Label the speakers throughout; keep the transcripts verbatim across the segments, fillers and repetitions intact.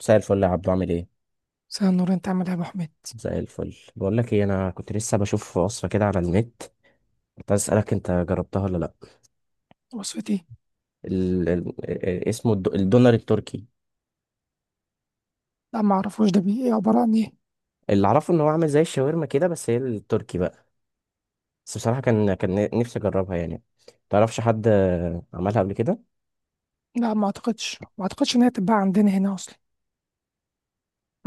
Speaker 1: مساء الفل يا عبدو، عامل ايه؟
Speaker 2: مساء النور، انت عامل ايه يا ابو حميد؟
Speaker 1: مساء الفل. بقول لك ايه، انا كنت لسه بشوف وصفه كده على النت. كنت عايز اسالك انت جربتها ولا لا.
Speaker 2: وصفتي؟
Speaker 1: ال... ال... اسمه الد... الدونر التركي.
Speaker 2: لا، ما اعرفوش، ده بي ايه؟ عباره عن ايه؟
Speaker 1: اللي اعرفه ان هو عامل زي الشاورما كده، بس هي التركي بقى. بس بصراحه كان كان نفسي اجربها يعني. تعرفش حد عملها قبل كده؟
Speaker 2: لا، ما اعتقدش ما اعتقدش ان هي تتباع عندنا هنا اصلا.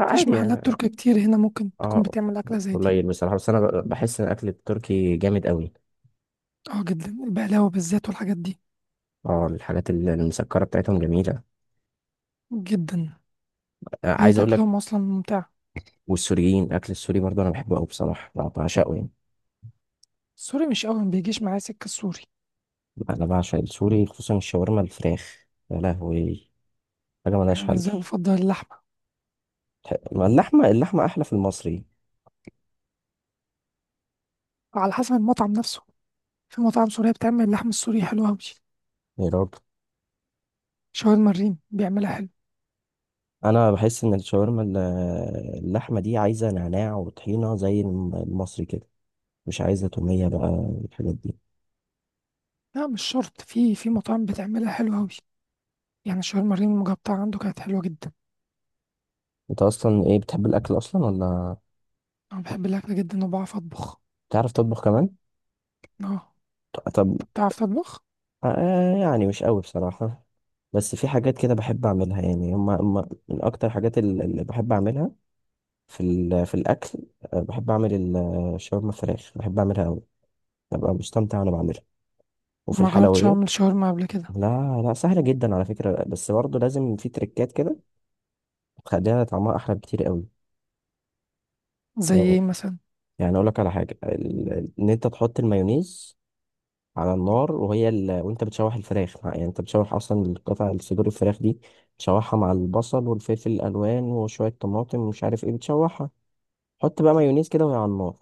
Speaker 1: لا
Speaker 2: مفيش
Speaker 1: عادي
Speaker 2: محلات
Speaker 1: يعني.
Speaker 2: تركي كتير هنا ممكن تكون
Speaker 1: اه،
Speaker 2: بتعمل اكله زي دي.
Speaker 1: قليل بصراحه، بس انا ب- بحس ان الاكل التركي جامد قوي.
Speaker 2: اه جدا، البقلاوه بالذات والحاجات دي.
Speaker 1: اه، الحاجات ال- المسكره بتاعتهم جميله.
Speaker 2: جدا.
Speaker 1: آه، عايز
Speaker 2: طريقه
Speaker 1: اقول
Speaker 2: اكلهم
Speaker 1: لك،
Speaker 2: اصلا ممتع.
Speaker 1: والسوريين الاكل السوري برضه انا بحبه قوي بصراحه، بعشقه يعني.
Speaker 2: السوري مش قوي، ما بيجيش معايا سكه السوري.
Speaker 1: انا بعشق السوري، خصوصا الشاورما الفراخ، يا لهوي، حاجه ملهاش
Speaker 2: يعني
Speaker 1: حل.
Speaker 2: ازاي؟ بفضل اللحمه.
Speaker 1: تح- ما اللحمه، اللحمه احلى في المصري.
Speaker 2: على حسب المطعم نفسه. في مطاعم سوريه بتعمل اللحم السوري حلو قوي.
Speaker 1: يا راجل،
Speaker 2: شاورما الريم بيعملها حلو.
Speaker 1: انا بحس ان الشاورما ال- اللحمه دي عايزه نعناع وطحينه زي الم- المصري كده، مش عايزه توميه بقى والحاجات دي.
Speaker 2: لا مش شرط، في في مطاعم بتعملها حلو قوي. يعني شاورما الريم المجبطه عنده كانت حلوه جدا.
Speaker 1: انت اصلا ايه، بتحب الاكل اصلا ولا؟
Speaker 2: أنا بحب الأكل جدا وبعرف أطبخ.
Speaker 1: بتعرف تطبخ كمان؟
Speaker 2: أه.
Speaker 1: طب،
Speaker 2: أنت بتعرف تطبخ؟
Speaker 1: آه يعني مش قوي بصراحه، بس في حاجات كده بحب اعملها، يعني هما هما من اكتر حاجات ال- اللي بحب اعملها في ال- في الاكل. آه، بحب اعمل ال- الشاورما فراخ، بحب اعملها قوي، ببقى مستمتع وانا بعملها. وفي
Speaker 2: ما جربتش
Speaker 1: الحلويات،
Speaker 2: أعمل شاورما قبل كده.
Speaker 1: لا لا، سهله جدا على فكره، بس برضه لازم في تريكات كده تخليها طعمها احلى بكتير قوي.
Speaker 2: زي
Speaker 1: آه،
Speaker 2: إيه مثلا؟
Speaker 1: يعني اقول لك على حاجه، ال- ان انت تحط المايونيز على النار، وهي ال... وانت بتشوح الفراخ مع- يعني انت بتشوح اصلا القطع، الصدور الفراخ دي تشوحها مع البصل والفلفل الالوان وشويه طماطم ومش عارف ايه، بتشوحها، حط بقى مايونيز كده وهي على النار.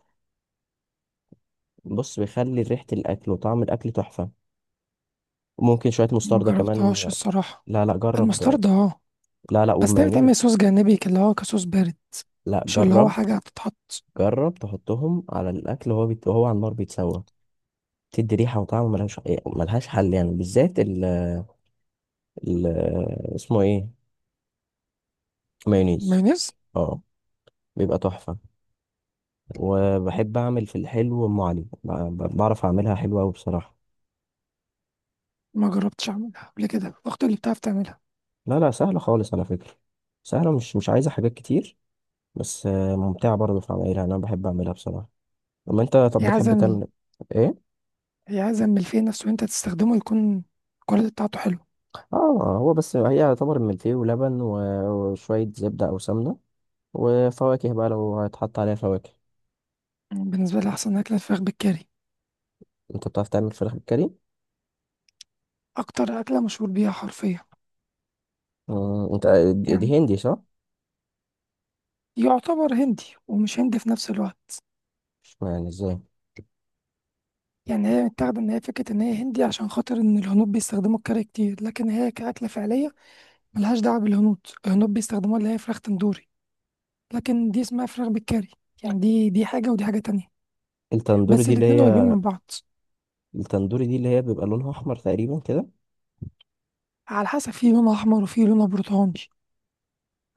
Speaker 1: بص، بيخلي ريحه الاكل وطعم الاكل تحفه. ممكن شوية
Speaker 2: ما
Speaker 1: مستردة
Speaker 2: جربتهاش
Speaker 1: كمان.
Speaker 2: الصراحة.
Speaker 1: لا لا، جرب.
Speaker 2: المسترد أه.
Speaker 1: لا لا،
Speaker 2: بس ده
Speaker 1: والمايونيز.
Speaker 2: بيتعمل صوص جانبي كده، اللي هو كصوص بارد.
Speaker 1: لا
Speaker 2: مش اللي هو
Speaker 1: جرب،
Speaker 2: حاجة هتتحط.
Speaker 1: جرب تحطهم على الأكل وهو بيت... وهو على النار بيتسوى. تدي ريحة وطعم ملهاش، ملهاش حل، يعني بالذات ال... ال... اسمه ايه، مايونيز.
Speaker 2: مايونيز.
Speaker 1: اه، بيبقى تحفة. وبحب أعمل في الحلو أم علي، ب... ب- بعرف أعملها حلوة أوي بصراحة.
Speaker 2: ما جربتش أعملها قبل كده، أختي اللي بتعرف تعملها.
Speaker 1: لا لا، سهلة خالص على فكرة، سهلة، مش مش عايزة حاجات كتير، بس آه، ممتعة برضه في عملها، أنا بحب أعملها بصراحة. أما أنت طب،
Speaker 2: هي عايزة
Speaker 1: بتحب
Speaker 2: ال-
Speaker 1: تعمل إيه؟
Speaker 2: هي عايزة من الفيه نفسه وأنت تستخدمه يكون الكواليتي بتاعته حلو.
Speaker 1: اه، هو بس هي يعتبر ملفيه ولبن و- وشوية زبدة أو سمنة وفواكه بقى لو هيتحط عليها فواكه.
Speaker 2: بالنسبة لي أحسن أكلة الفراخ بالكاري.
Speaker 1: انت بتعرف تعمل فراخ بالكاري؟
Speaker 2: أكتر أكلة مشهور بيها حرفيا.
Speaker 1: مم، انت، دي
Speaker 2: يعني
Speaker 1: دي هندي صح؟
Speaker 2: يعتبر هندي ومش هندي في نفس الوقت.
Speaker 1: مش معنى ازاي؟
Speaker 2: يعني هي متاخدة إن هي فكرة إن هي هندي عشان خاطر إن الهنود بيستخدموا الكاري كتير، لكن هي كأكلة فعلية ملهاش دعوة بالهنود. الهنود بيستخدموها اللي هي فراخ تندوري، لكن دي اسمها فراخ بالكاري. يعني دي دي حاجة ودي حاجة تانية.
Speaker 1: التندوري
Speaker 2: بس
Speaker 1: دي اللي
Speaker 2: الاتنين قريبين
Speaker 1: هي،
Speaker 2: من بعض.
Speaker 1: التندوري دي اللي هي بيبقى لونها أحمر تقريبا كده.
Speaker 2: على حسب، في لون أحمر وفي لون برتقاني،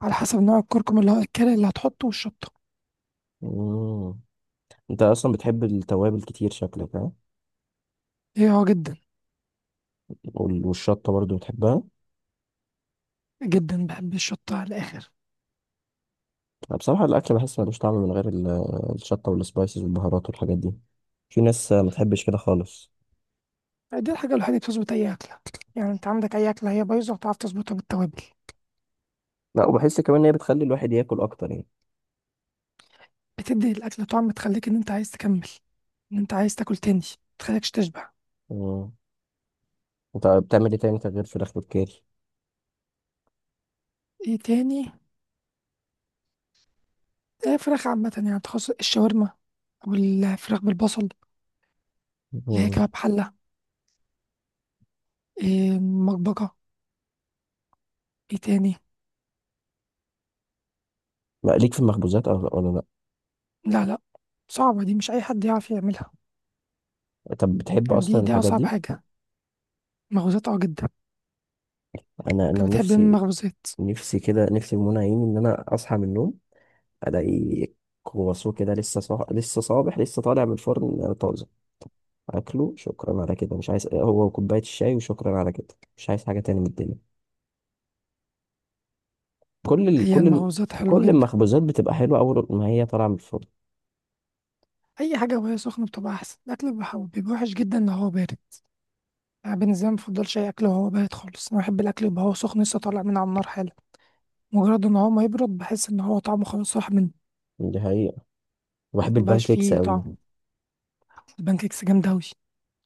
Speaker 2: على حسب نوع الكركم اللي هو الكاري اللي هتحطه والشطة.
Speaker 1: مم. انت أصلا بتحب التوابل كتير شكلك، ها؟
Speaker 2: هي اه جدا.
Speaker 1: وال- والشطة برضو بتحبها؟
Speaker 2: جدا، بحب الشطة على الآخر.
Speaker 1: أنا بصراحة الأكل بحس ملوش طعم من غير ال- الشطة والسبايسز والبهارات والحاجات دي، في ناس ما تحبش كده خالص.
Speaker 2: دي الحاجة الوحيدة اللي بتظبط أي أكلة. يعني أنت عندك أي أكلة هي بايظة وتعرف تظبطها بالتوابل.
Speaker 1: لا، وبحس كمان ان هي بتخلي الواحد ياكل اكتر يعني.
Speaker 2: بتدي الأكلة طعم، تخليك إن أنت عايز تكمل، إن أنت عايز تاكل تاني، متخليكش تشبع.
Speaker 1: مم. انت بتعمل ايه تاني غير فراخ بالكاري؟
Speaker 2: إيه تاني؟ إيه، فراخ عامة يعني، تخص الشاورما أو الفراخ بالبصل اللي هي
Speaker 1: مم.
Speaker 2: كباب حلة، إيه مطبقة. إيه تاني؟
Speaker 1: لا ليك في المخبوزات أو، ولا لا؟
Speaker 2: لا لا، صعبة دي مش أي حد يعرف يعملها.
Speaker 1: طب بتحب
Speaker 2: يعني
Speaker 1: اصلا
Speaker 2: دي دي
Speaker 1: الحاجات
Speaker 2: أصعب
Speaker 1: دي؟
Speaker 2: حاجة. مخبوزات أه، جدا.
Speaker 1: انا
Speaker 2: أنت
Speaker 1: انا
Speaker 2: بتحب إيه من
Speaker 1: نفسي،
Speaker 2: المخبوزات؟
Speaker 1: نفسي كده، نفسي في منى عيني ان انا اصحى من النوم الاقي كرواسون كده لسه صح... لسه صابح، لسه طالع من الفرن طازه، اكله، شكرا على كده، مش عايز هو وكوبايه الشاي وشكرا على كده، مش عايز حاجه تاني من الدنيا. كل ال...
Speaker 2: هي
Speaker 1: كل ال...
Speaker 2: المخبوزات حلوة
Speaker 1: كل
Speaker 2: جدا.
Speaker 1: المخبوزات بتبقى حلوه اول ما هي طالعه من الفرن.
Speaker 2: أي حاجة وهي سخنة بتبقى أحسن، الأكل بيبقى بيبقى وحش جدا لو هو بارد. أنا بالنسبة لي مفضلش أي أكل وهو بارد خالص، أنا بحب الأكل يبقى هو سخن لسه طالع من على النار حالا. مجرد ان هو ما يبرد بحس ان هو طعمه خلاص راح منه،
Speaker 1: دي حقيقه، بحب البان
Speaker 2: مبقاش
Speaker 1: كيكس
Speaker 2: فيه
Speaker 1: قوي.
Speaker 2: طعم. البانكيكس جامدة أوي.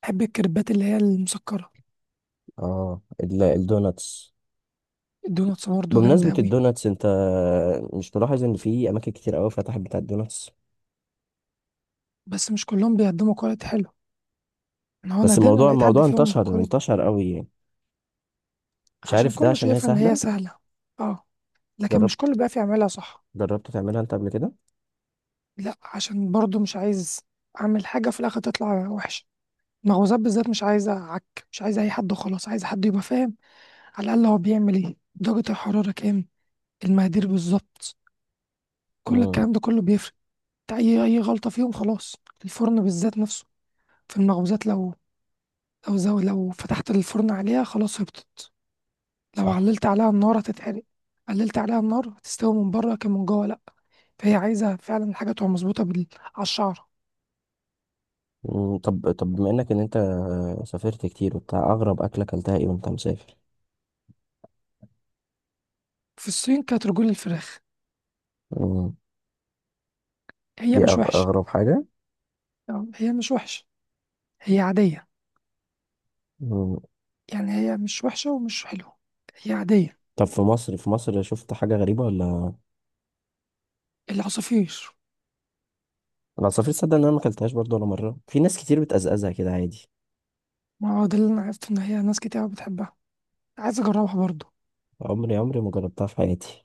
Speaker 2: بحب الكريبات اللي هي المسكرة.
Speaker 1: اه، ال- الدوناتس،
Speaker 2: الدوناتس برضه جامدة
Speaker 1: بمناسبة
Speaker 2: أوي.
Speaker 1: الدوناتس انت مش ملاحظ ان في اماكن كتير قوي فتحت بتاع الدوناتس؟
Speaker 2: بس مش كلهم بيقدموا كواليتي حلو. أنا هو
Speaker 1: بس
Speaker 2: نادرا
Speaker 1: الموضوع
Speaker 2: لقيت حد
Speaker 1: الموضوع
Speaker 2: فيهم
Speaker 1: انتشر
Speaker 2: كواليتي.
Speaker 1: انتشر قوي يعني، مش
Speaker 2: عشان
Speaker 1: عارف ده
Speaker 2: كله
Speaker 1: عشان هي
Speaker 2: شايفها إن هي
Speaker 1: سهلة.
Speaker 2: سهلة. اه. لكن مش
Speaker 1: جربت،
Speaker 2: كله بقى يعملها صح.
Speaker 1: جربت تعملها انت قبل كده؟
Speaker 2: لا، عشان برضه مش عايز أعمل حاجة في الآخر تطلع وحشة. المخبوزات بالذات مش عايزة عك، مش عايزة أي حد وخلاص، عايزة حد يبقى فاهم على الأقل هو بيعمل إيه، درجة الحرارة كام، المقادير بالظبط. كل
Speaker 1: امم.
Speaker 2: الكلام ده كله بيفرق. انت اي اي غلطه فيهم خلاص. الفرن بالذات نفسه في المخبوزات، لو لو زو لو فتحت الفرن عليها خلاص هبطت. لو
Speaker 1: صح.
Speaker 2: عللت عليها النار هتتحرق، قللت عليها النار هتستوي من بره كان من جوه لا. فهي عايزه فعلا الحاجه تبقى مظبوطه بال... على الشعره.
Speaker 1: مم. طب طب بما انك ان انت سافرت كتير وبتاع، اغرب اكلة اكلتها ايه وانت مسافر؟
Speaker 2: في الصين كانت رجول الفراخ.
Speaker 1: امم،
Speaker 2: هي
Speaker 1: دي
Speaker 2: مش
Speaker 1: أغ-
Speaker 2: وحشه.
Speaker 1: اغرب حاجة.
Speaker 2: تمام؟ هي مش وحشه، هي عاديه.
Speaker 1: مم.
Speaker 2: يعني هي مش وحشه ومش حلوه، هي عاديه.
Speaker 1: طب في مصر، في مصر شفت حاجة غريبة ولا؟
Speaker 2: العصافير.
Speaker 1: انا سافرت، صدق ان انا ما اكلتهاش برضه ولا مرة، في ناس كتير بتقزقزها كده عادي.
Speaker 2: ما هو ده اللي انا عرفت ان هي ناس كتير بتحبها، عايز اجربها برضو.
Speaker 1: عمري عمري ما جربتها في حياتي.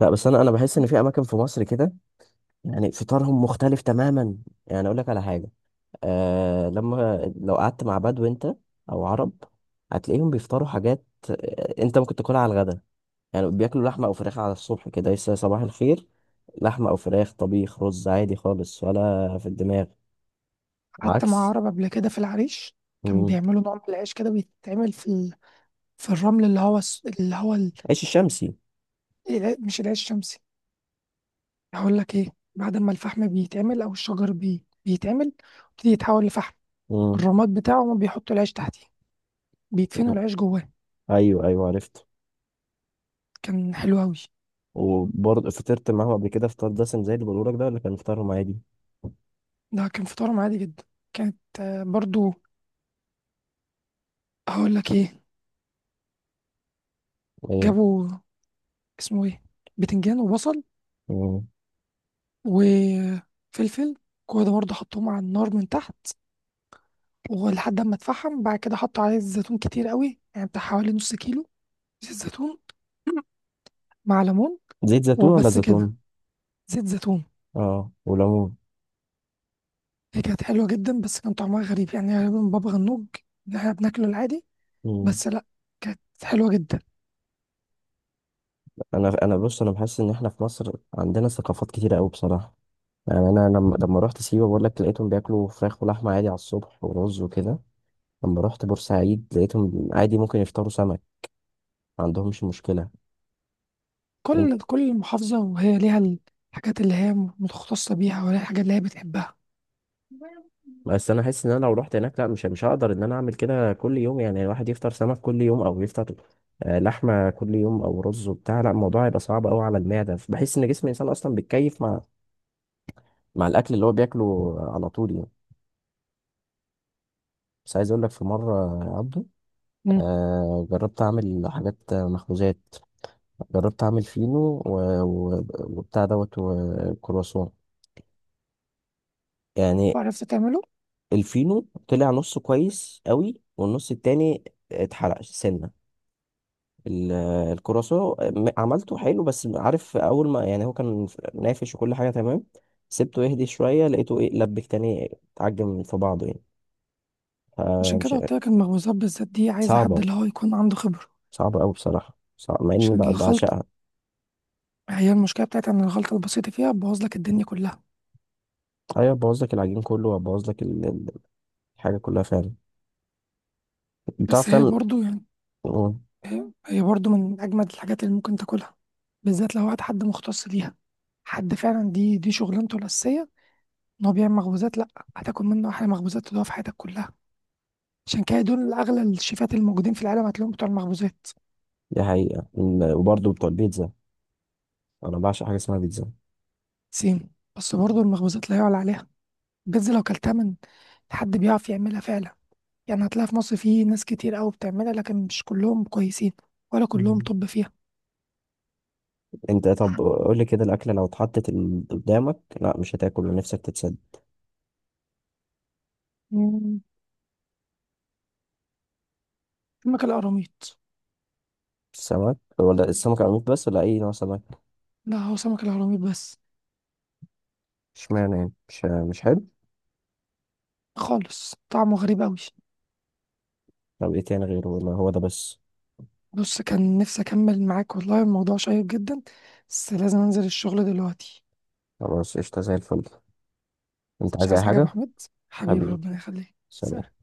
Speaker 1: لا بس انا انا بحس ان في اماكن في مصر كده يعني فطارهم مختلف تماما. يعني اقول لك على حاجه، آه، لما لو قعدت مع بدو انت او عرب هتلاقيهم بيفطروا حاجات، آه، انت ممكن تاكلها على الغدا، يعني بياكلوا لحمه او فراخ على الصبح كده لسه صباح الخير، لحمه او فراخ، طبيخ، رز، عادي خالص ولا في الدماغ.
Speaker 2: قعدت مع
Speaker 1: عكس.
Speaker 2: عرب قبل كده في العريش. كان
Speaker 1: مم.
Speaker 2: بيعملوا نوع من العيش كده، بيتعمل في ال... في الرمل اللي هو الس- اللي هو ال...
Speaker 1: عيش الشمسي.
Speaker 2: الع- مش العيش الشمسي. هقول لك ايه، بعد ما الفحم بيتعمل او الشجر بي... بيتعمل يبتدي يتحول لفحم،
Speaker 1: مم.
Speaker 2: الرماد بتاعه هما بيحطوا العيش تحتيه، بيدفنوا
Speaker 1: مم.
Speaker 2: العيش جواه.
Speaker 1: ايوه ايوه، عرفت.
Speaker 2: كان حلو قوي.
Speaker 1: وبرضه فطرت معاهم قبل كده فطار دسم زي اللي بقوله لك ده ولا كان فطارهم عادي؟
Speaker 2: ده كان فطارهم عادي جدا. كانت آه، برضو، هقول لك ايه، جابوا اسمه ايه، بتنجان وبصل
Speaker 1: ايوه.
Speaker 2: وفلفل، كل ده برضه حطوهم على النار من تحت، ولحد ما اتفحم بعد كده حط عليه الزيتون كتير قوي يعني بتاع حوالي نص كيلو زيت زيتون مع ليمون
Speaker 1: زيت زيتون ولا
Speaker 2: وبس كده.
Speaker 1: زيتون؟
Speaker 2: زيت زيتون.
Speaker 1: اه وليمون.
Speaker 2: هي كانت حلوة جدا بس كان طعمها غريب، يعني غالبا بابا غنوج اللي احنا بناكله العادي،
Speaker 1: مم.
Speaker 2: بس لا كانت حلوة جدا.
Speaker 1: انا انا بص، انا بحس ان احنا في مصر عندنا ثقافات كتيره قوي بصراحه. يعني انا لما لما رحت سيوه، بقول لك، لقيتهم بياكلوا فراخ ولحمه عادي على الصبح ورز وكده. لما رحت بورسعيد، لقيتهم عادي ممكن يفطروا سمك، ما عندهمش مشكله. يم-
Speaker 2: كل كل محافظة وهي ليها الحاجات اللي هي متخصصة بيها، ولا الحاجات اللي هي بتحبها.
Speaker 1: بس انا حاسس ان انا لو رحت هناك، لا، مش مش هقدر ان انا اعمل كده كل يوم، يعني الواحد يفطر سمك كل يوم او يفطر آه، لحمه كل يوم او رز وبتاع، لا، الموضوع هيبقى صعب قوي على المعده. بحس ان جسم الانسان اصلا بيتكيف مع مع الاكل اللي هو بياكله على طول يعني. بس عايز اقول لك، في مره يا عبده،
Speaker 2: مم.
Speaker 1: آه جربت اعمل حاجات مخبوزات، جربت اعمل فينو و... و... وبتاع دوت وكرواسون يعني.
Speaker 2: وعرفت تعمله؟
Speaker 1: الفينو طلع نصه كويس قوي، والنص التاني اتحرق سنه. ال- الكرواسون م- عملته حلو، بس عارف، اول ما يعني هو كان نافش وكل حاجه تمام، سبته يهدي شويه لقيته ايه، لبك تاني، اتعجن في بعضه يعني،
Speaker 2: عشان
Speaker 1: فمش.
Speaker 2: كده قلت لك المخبوزات بالذات دي عايزة حد
Speaker 1: صعبه،
Speaker 2: اللي هو يكون عنده خبرة.
Speaker 1: صعبة أوي بصراحة، صعب مع إني
Speaker 2: عشان
Speaker 1: بع-
Speaker 2: الخلط،
Speaker 1: بعشقها.
Speaker 2: هي المشكلة بتاعتي ان الخلطة البسيطة فيها بوظ لك الدنيا كلها.
Speaker 1: أيوة، بوظ لك العجين كله وبوظ لك ال- ال- الحاجة كلها فعلا. بتعرف
Speaker 2: بس هي
Speaker 1: تعمل؟
Speaker 2: برضو يعني،
Speaker 1: مم.
Speaker 2: هي برضو من أجمد الحاجات اللي ممكن تاكلها، بالذات لو وقت حد مختص ليها، حد فعلا دي دي شغلانته الأساسية إن هو بيعمل مخبوزات، لأ هتاكل منه أحلى مخبوزات تدوقها في حياتك كلها. عشان كده دول أغلى الشيفات الموجودين في العالم هتلاقيهم بتوع المخبوزات.
Speaker 1: دي حقيقة. ال- وبرضه بتوع البيتزا، أنا بعشق حاجة اسمها بيتزا.
Speaker 2: سيم. بس برضو المخبوزات لا يعلى عليها. بيتزا لو كلتها من حد بيعرف يعملها فعلا، يعني هتلاقي في مصر في ناس كتير أوي بتعملها لكن مش كلهم كويسين، ولا كلهم
Speaker 1: مم.
Speaker 2: طب فيها.
Speaker 1: أنت طب قول لي كده، الأكلة لو اتحطت ال- قدامك، لا مش هتاكل نفسك تتسد؟
Speaker 2: مم، سمك القراميط.
Speaker 1: السمك ولا السمك عميق بس ولا أي نوع سمك؟
Speaker 2: لا هو سمك القراميط بس.
Speaker 1: اشمعنى يعني، مش مش حلو؟
Speaker 2: خالص طعمه غريب أوي.
Speaker 1: طب إيه تاني غيره ولا هو ده بس؟
Speaker 2: بص، كان نفسي أكمل معاك والله الموضوع شيق جدا، بس لازم أنزل الشغل دلوقتي.
Speaker 1: خلاص، قشطة زي الفل، أنت
Speaker 2: مش
Speaker 1: عايز أي
Speaker 2: عايز حاجة يا أبو
Speaker 1: حاجة؟
Speaker 2: حميد، حبيبي
Speaker 1: حبيبي،
Speaker 2: ربنا يخليك، سلام.
Speaker 1: سلام.